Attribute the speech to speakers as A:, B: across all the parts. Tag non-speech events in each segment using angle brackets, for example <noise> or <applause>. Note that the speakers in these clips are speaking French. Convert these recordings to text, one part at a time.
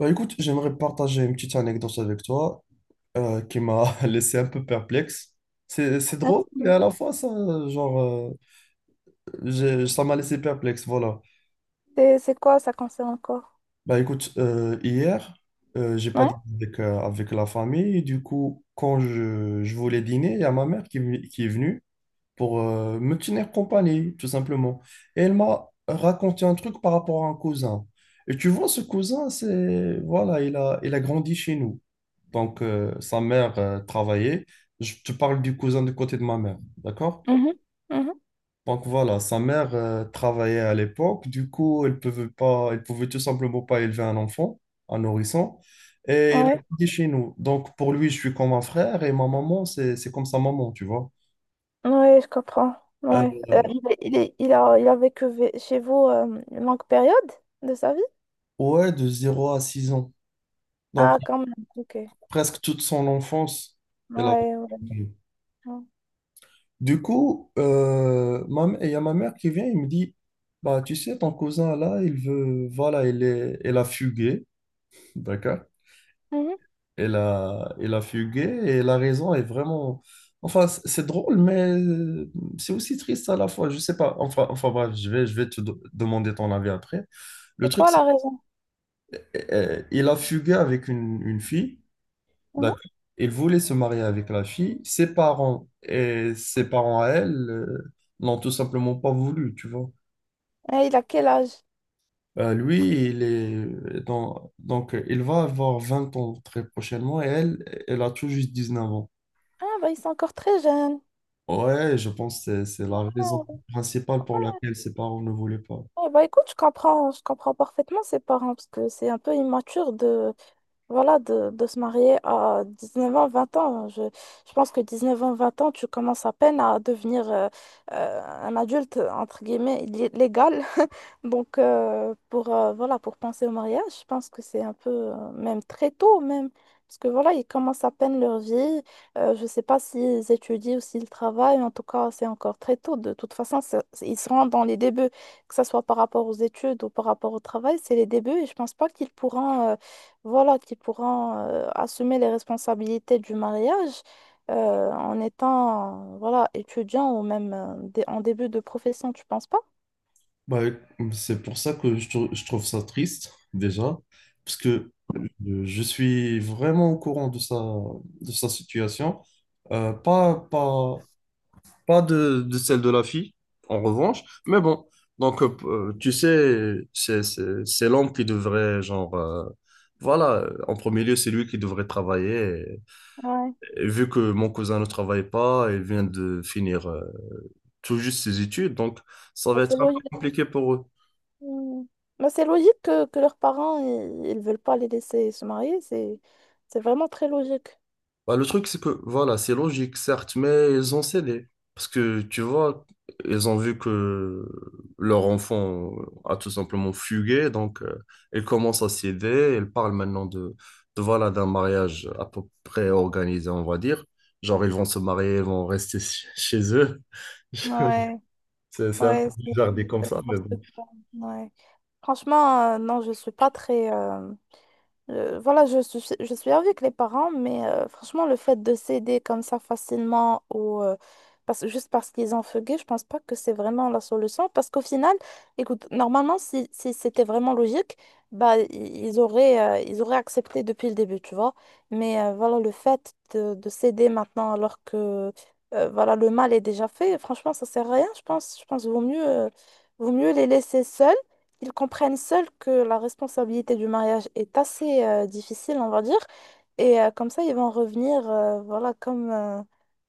A: Bah écoute, j'aimerais partager une petite anecdote avec toi qui m'a <laughs> laissé un peu perplexe. C'est
B: Ah.
A: drôle, mais à la fois, ça, genre, ça m'a laissé perplexe, voilà.
B: C'est quoi, ça concerne encore?
A: Bah écoute, hier, j'ai pas
B: Ouais.
A: dîné avec la famille. Du coup, quand je voulais dîner, il y a ma mère qui est venue pour me tenir compagnie, tout simplement. Et elle m'a raconté un truc par rapport à un cousin. Et tu vois, ce cousin, c'est, voilà, il a grandi chez nous. Donc, sa mère travaillait. Je te parle du cousin du côté de ma mère, d'accord?
B: Mhm. Mhm.
A: Donc voilà, sa mère travaillait à l'époque. Du coup, elle pouvait tout simplement pas élever un enfant, un nourrisson. Et elle a
B: Ouais.
A: grandi chez nous. Donc pour lui, je suis comme un frère et ma maman, c'est comme sa maman, tu vois.
B: Ouais, je comprends.
A: Euh,
B: Ouais. Il a vécu chez vous une longue période de sa vie?
A: ouais, de 0 à 6 ans. Donc
B: Ah, quand même. Ok. Ouais,
A: presque toute son enfance, elle a.
B: ouais. Ouais.
A: Du coup, il y a ma mère qui vient, il me dit, bah, tu sais, ton cousin là, voilà, elle a fugué, d'accord?
B: Mhm.
A: Elle a fugué et la raison est vraiment, enfin, c'est drôle, mais c'est aussi triste à la fois, je sais pas, enfin, bref, je vais te demander ton avis après. Le
B: C'est
A: truc,
B: quoi
A: c'est
B: la raison?
A: qu'il a fugué avec une fille.
B: Mhm.
A: D'accord. Il voulait se marier avec la fille. Ses parents et ses parents à elle n'ont tout simplement pas voulu, tu vois.
B: Et il a quel âge?
A: Lui, il est dans. Donc il va avoir 20 ans très prochainement et elle a tout juste 19 ans.
B: Ah, bah, ils sont encore très jeunes.
A: Ouais, je pense que c'est la raison
B: Ouais,
A: principale pour laquelle ses parents ne voulaient pas.
B: ouais, bah écoute, je comprends parfaitement ses parents parce que c'est un peu immature de. Voilà, de se marier à 19 ans, 20 ans. Je pense que 19 ans, 20 ans, tu commences à peine à devenir un adulte, entre guillemets, légal. <laughs> Donc, voilà, pour penser au mariage, je pense que c'est un peu, même très tôt, même. Parce que voilà, ils commencent à peine leur vie. Je ne sais pas s'ils étudient ou s'ils travaillent. En tout cas, c'est encore très tôt. De toute façon, ils seront dans les débuts, que ce soit par rapport aux études ou par rapport au travail, c'est les débuts. Et je pense pas qu'ils pourront, voilà, qui pourront assumer les responsabilités du mariage en étant voilà, étudiant ou même en début de profession, tu penses pas?
A: Bah, c'est pour ça que je trouve ça triste, déjà, parce que je suis vraiment au courant de sa situation. Euh, pas, pas, Pas de celle de la fille, en revanche. Mais bon, donc, tu sais, c'est l'homme qui devrait, genre, voilà, en premier lieu, c'est lui qui devrait travailler.
B: Ouais.
A: Et vu que mon cousin ne travaille pas et vient de finir tout juste ses études, donc ça
B: Bah,
A: va
B: c'est
A: être un peu
B: logique.
A: compliqué pour eux.
B: Hmm. Bah, c'est logique que leurs parents, ils veulent pas les laisser se marier, c'est vraiment très logique.
A: Bah, le truc, c'est que, voilà, c'est logique, certes, mais ils ont cédé. Parce que, tu vois, ils ont vu que leur enfant a tout simplement fugué, donc ils commencent à céder. Ils parlent maintenant voilà, d'un mariage à peu près organisé, on va dire. Genre, ils vont se marier, ils vont rester <laughs> chez eux. <laughs>
B: Ouais,
A: C'est un peu
B: ouais, c'est
A: bizarre dit comme
B: c'est
A: ça, mais
B: n'importe
A: bon.
B: quoi. Ouais. Franchement, non, je suis pas très, voilà, je suis avec les parents, mais franchement, le fait de céder comme ça facilement ou juste parce qu'ils ont fugué, je pense pas que c'est vraiment la solution. Parce qu'au final, écoute, normalement, si c'était vraiment logique, bah, ils auraient accepté depuis le début, tu vois. Mais voilà, le fait de céder maintenant alors que voilà, le mal est déjà fait, franchement, ça sert à rien, je pense. Je pense qu'il vaut mieux les laisser seuls. Ils comprennent seuls que la responsabilité du mariage est assez difficile, on va dire. Et comme ça, voilà,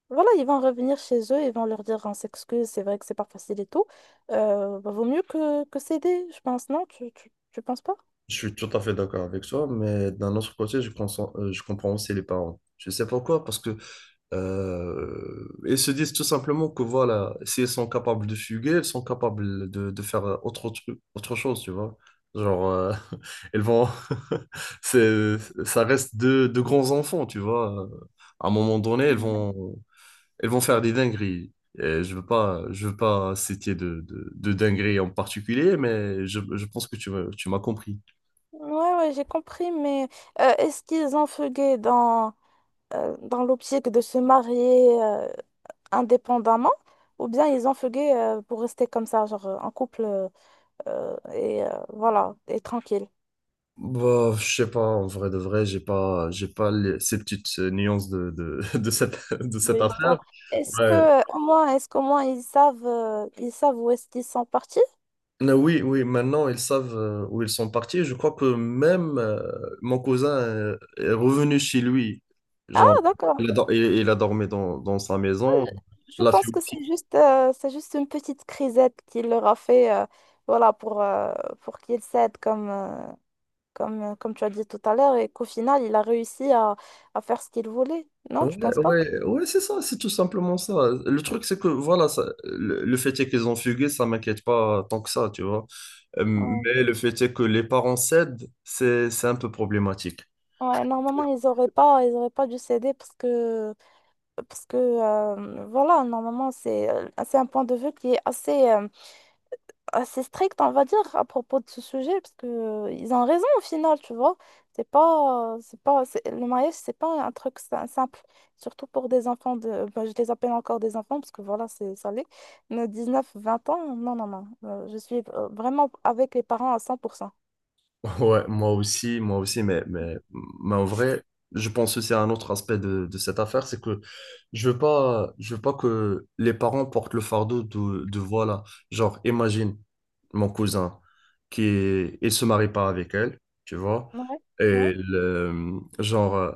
B: voilà, ils vont revenir chez eux, ils vont leur dire, on s'excuse, c'est vrai que c'est pas facile et tout. Bah, vaut mieux que céder, je pense, non? Tu penses pas?
A: Je suis tout à fait d'accord avec toi, mais d'un autre côté, je pense, je comprends aussi les parents. Je sais pourquoi, parce que ils se disent tout simplement que voilà, si elles sont capables de fuguer, elles sont capables de faire autre truc, autre chose, tu vois. Genre, <laughs> elles vont. <laughs> c'est, ça reste de grands enfants, tu vois. À un moment donné, elles vont faire des dingueries. Et je veux pas citer de dingueries en particulier, mais je pense que tu m'as compris.
B: Ouais, ouais, j'ai compris, mais est-ce qu'ils ont fugué dans l'optique de se marier indépendamment ou bien ils ont fugué pour rester comme ça, genre en couple? Voilà, et tranquille
A: Bah, je sais pas, en vrai de vrai, j'ai pas ces petites nuances <laughs> de cette, de
B: de
A: cette affaire.
B: l'histoire. Est-ce
A: Ouais.
B: que au moins, est-ce qu'au moins ils savent où est-ce qu'ils sont partis?
A: Mais oui, oui, maintenant ils savent où ils sont partis. Je crois que même mon cousin est revenu chez lui. Genre,
B: Ah, d'accord.
A: il a dormi dans sa
B: Ah,
A: maison.
B: je
A: La
B: pense
A: fille
B: que c'est juste une petite crisette qu'il leur a fait, voilà, pour qu'ils cèdent comme tu as dit tout à l'heure, et qu'au final, il a réussi à faire ce qu'il voulait. Non, tu
A: Ouais,
B: penses pas?
A: ouais, ouais, c'est ça, c'est tout simplement ça. Le truc, c'est que voilà, le fait est qu'ils ont fugué, ça m'inquiète pas tant que ça, tu vois.
B: Ouais.
A: Mais le fait est que les parents cèdent, c'est un peu problématique.
B: Ouais, normalement, ils auraient pas dû céder parce que voilà, normalement, c'est un point de vue qui est assez strict, on va dire, à propos de ce sujet, parce que ils ont raison au final, tu vois. C'est pas, c'est pas, c'est- Le mariage, c'est pas un truc simple, surtout pour des enfants ben, je les appelle encore des enfants, parce que voilà, c'est ça l'est, mais 19, 20 ans, non, non, non. Je suis vraiment avec les parents à 100%.
A: Ouais, moi aussi, mais en vrai, je pense aussi à un autre aspect de cette affaire, c'est que je veux pas que les parents portent le fardeau de voilà, genre, imagine mon cousin il se marie pas avec elle, tu vois,
B: Ouais, ouais,
A: et le- genre,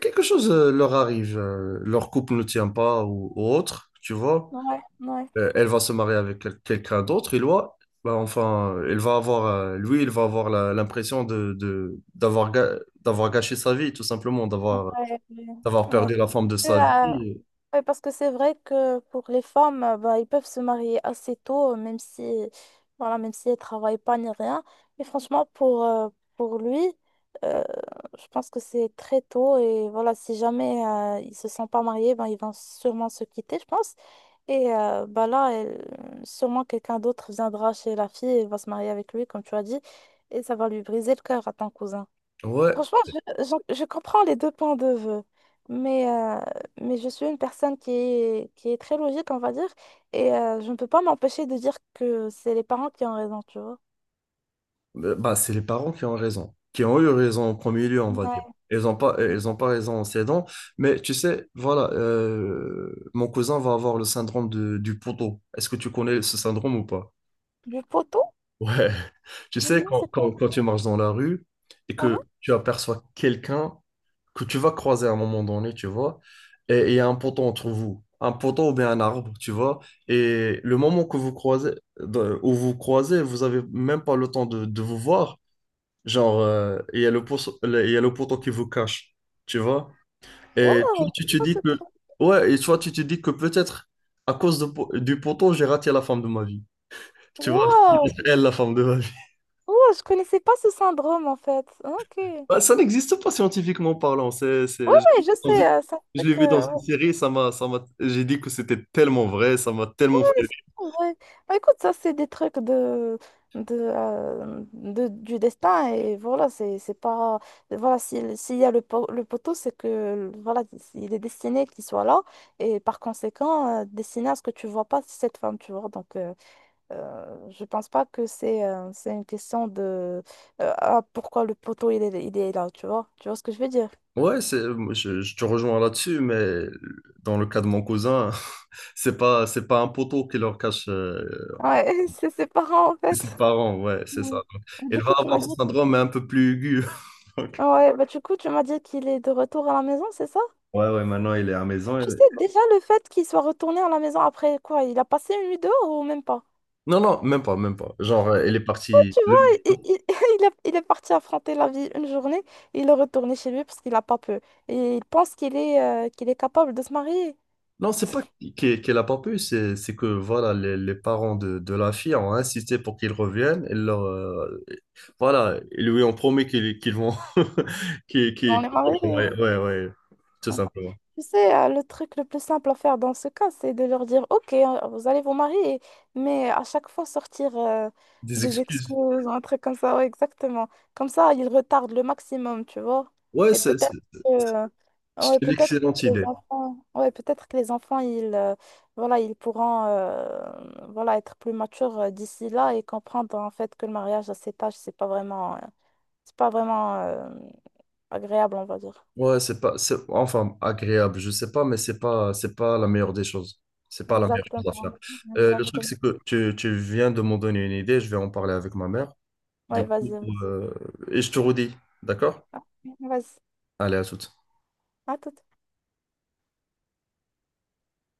A: quelque chose leur arrive, leur couple ne tient pas ou autre, tu vois,
B: ouais, ouais,
A: elle va se marier avec quelqu'un d'autre, et loi, bah, enfin, elle va avoir, lui, il va avoir l'impression d'avoir gâché sa vie, tout simplement,
B: ouais,
A: d'avoir,
B: ouais.
A: d'avoir
B: Ouais.
A: perdu la forme de sa
B: Euh,
A: vie.
B: Oui, parce que c'est vrai que pour les femmes, bah, ils peuvent se marier assez tôt, même si, voilà, même si elles travaillent pas ni rien. Mais franchement, pour lui, euh, je pense que c'est très tôt. Et voilà, si jamais ils se sont pas mariés, ben, ils vont sûrement se quitter, je pense. Et bah, là, sûrement quelqu'un d'autre viendra chez la fille et va se marier avec lui, comme tu as dit. Et ça va lui briser le cœur à ton cousin.
A: Ouais,
B: Franchement, je comprends les deux points de vue, mais, euh, mais je suis une personne qui est très logique, on va dire, et je ne peux pas m'empêcher de dire que c'est les parents qui ont raison, tu vois.
A: Bah, c'est les parents qui ont raison, qui ont eu raison en premier lieu, on va dire.
B: Ouais.
A: Ils ont pas raison en s'aidant, mais tu sais, voilà, mon cousin va avoir le syndrome du poteau. Est-ce que tu connais ce syndrome ou pas?
B: Du poteau?
A: Ouais. Tu sais,
B: Non,
A: quand,
B: c'est
A: quand-
B: quoi?
A: quand tu marches dans la rue et
B: Hein?
A: que tu aperçois quelqu'un que tu vas croiser à un moment donné, tu vois, et il y a un poteau entre vous, un poteau ou bien un arbre, tu vois, et le moment que vous croisez, où vous croisez, vous avez même pas le temps de vous voir, genre, il y a le poteau, il y a le poteau qui vous cache, tu vois, et tu,
B: Waouh!
A: tu te
B: Oh,
A: dis
B: ce
A: que,
B: truc.
A: ouais, et toi, tu te dis que peut-être à cause du poteau, j'ai raté la femme de ma vie, tu vois,
B: Waouh!
A: <laughs> elle la femme de ma vie.
B: Waouh, je connaissais pas ce syndrome, en fait. Ok. Oui,
A: Bah, ça n'existe pas scientifiquement parlant. C'est, c'est- je l'ai
B: oui, je
A: vu dans une,
B: sais, c'est un
A: je l'ai vu dans une
B: truc...
A: série, ça m'a, j'ai dit que c'était tellement vrai, ça m'a tellement fait rire.
B: Ouais. Bah, écoute, ça, c'est des trucs du destin. Et voilà, c'est pas. Voilà, s'il y a le poteau, c'est que voilà, il est destiné qu'il soit là. Et par conséquent, destiné à ce que tu vois pas cette femme, tu vois. Donc, je pense pas que c'est une question de. Ah, pourquoi le poteau, il est là, tu vois. Tu vois ce que je veux dire?
A: Ouais, moi, je te rejoins là-dessus, mais dans le cas de mon cousin, <laughs> c'est pas un poteau qui leur cache
B: Ouais, <laughs> c'est ses parents, en
A: ses
B: fait.
A: parents, ouais, c'est ça.
B: Ouais.
A: Donc, elle
B: Du
A: va
B: coup, tu m'as
A: avoir
B: dit.
A: ce syndrome mais un peu plus aigu. <laughs> Donc,
B: Ouais, bah du coup, tu m'as dit qu'il est de retour à la maison, c'est ça?
A: ouais, ouais, maintenant il est à la maison.
B: Tu sais,
A: Elle
B: déjà le fait qu'il soit retourné à la maison après quoi? Il a passé une nuit dehors ou même pas?
A: Non, non, même pas, même pas. Genre, elle est
B: Oh,
A: partie.
B: tu vois,
A: Le
B: <laughs> il est parti affronter la vie une journée, il est retourné chez lui parce qu'il a pas peur. Et il pense qu'il est capable de se marier.
A: Non, c'est pas qu'elle a pas pu, c'est que voilà, les parents de la fille ont insisté pour qu'ils reviennent. Et voilà, ils lui ont promis qu'ils vont. <laughs>
B: Mais on est mariés.
A: Ouais, ouais, ouais, tout simplement.
B: Tu sais, le truc le plus simple à faire dans ce cas, c'est de leur dire, OK, vous allez vous marier, mais à chaque fois sortir
A: Des
B: des
A: excuses.
B: excuses ou un truc comme ça, ouais, exactement. Comme ça, ils retardent le maximum, tu vois.
A: Ouais,
B: Et que,
A: c'est
B: ouais,
A: une
B: peut-être
A: excellente
B: que les
A: idée.
B: enfants, ouais, peut-être que les enfants, ils, voilà, ils pourront, voilà, être plus matures d'ici là et comprendre en fait que le mariage à cet âge, c'est pas vraiment agréable, on va dire.
A: Ouais, c'est pas, c'est enfin agréable, je sais pas, mais c'est pas la meilleure des choses. C'est pas la meilleure chose à faire.
B: Exactement,
A: Le truc,
B: exactement.
A: c'est que tu viens de m'en donner une idée, je vais en parler avec ma mère. Du
B: Ouais,
A: coup,
B: vas-y. Vas-y.
A: euh, et je te redis, d'accord?
B: Ah, vas-y.
A: Allez, à toutes.
B: À toute.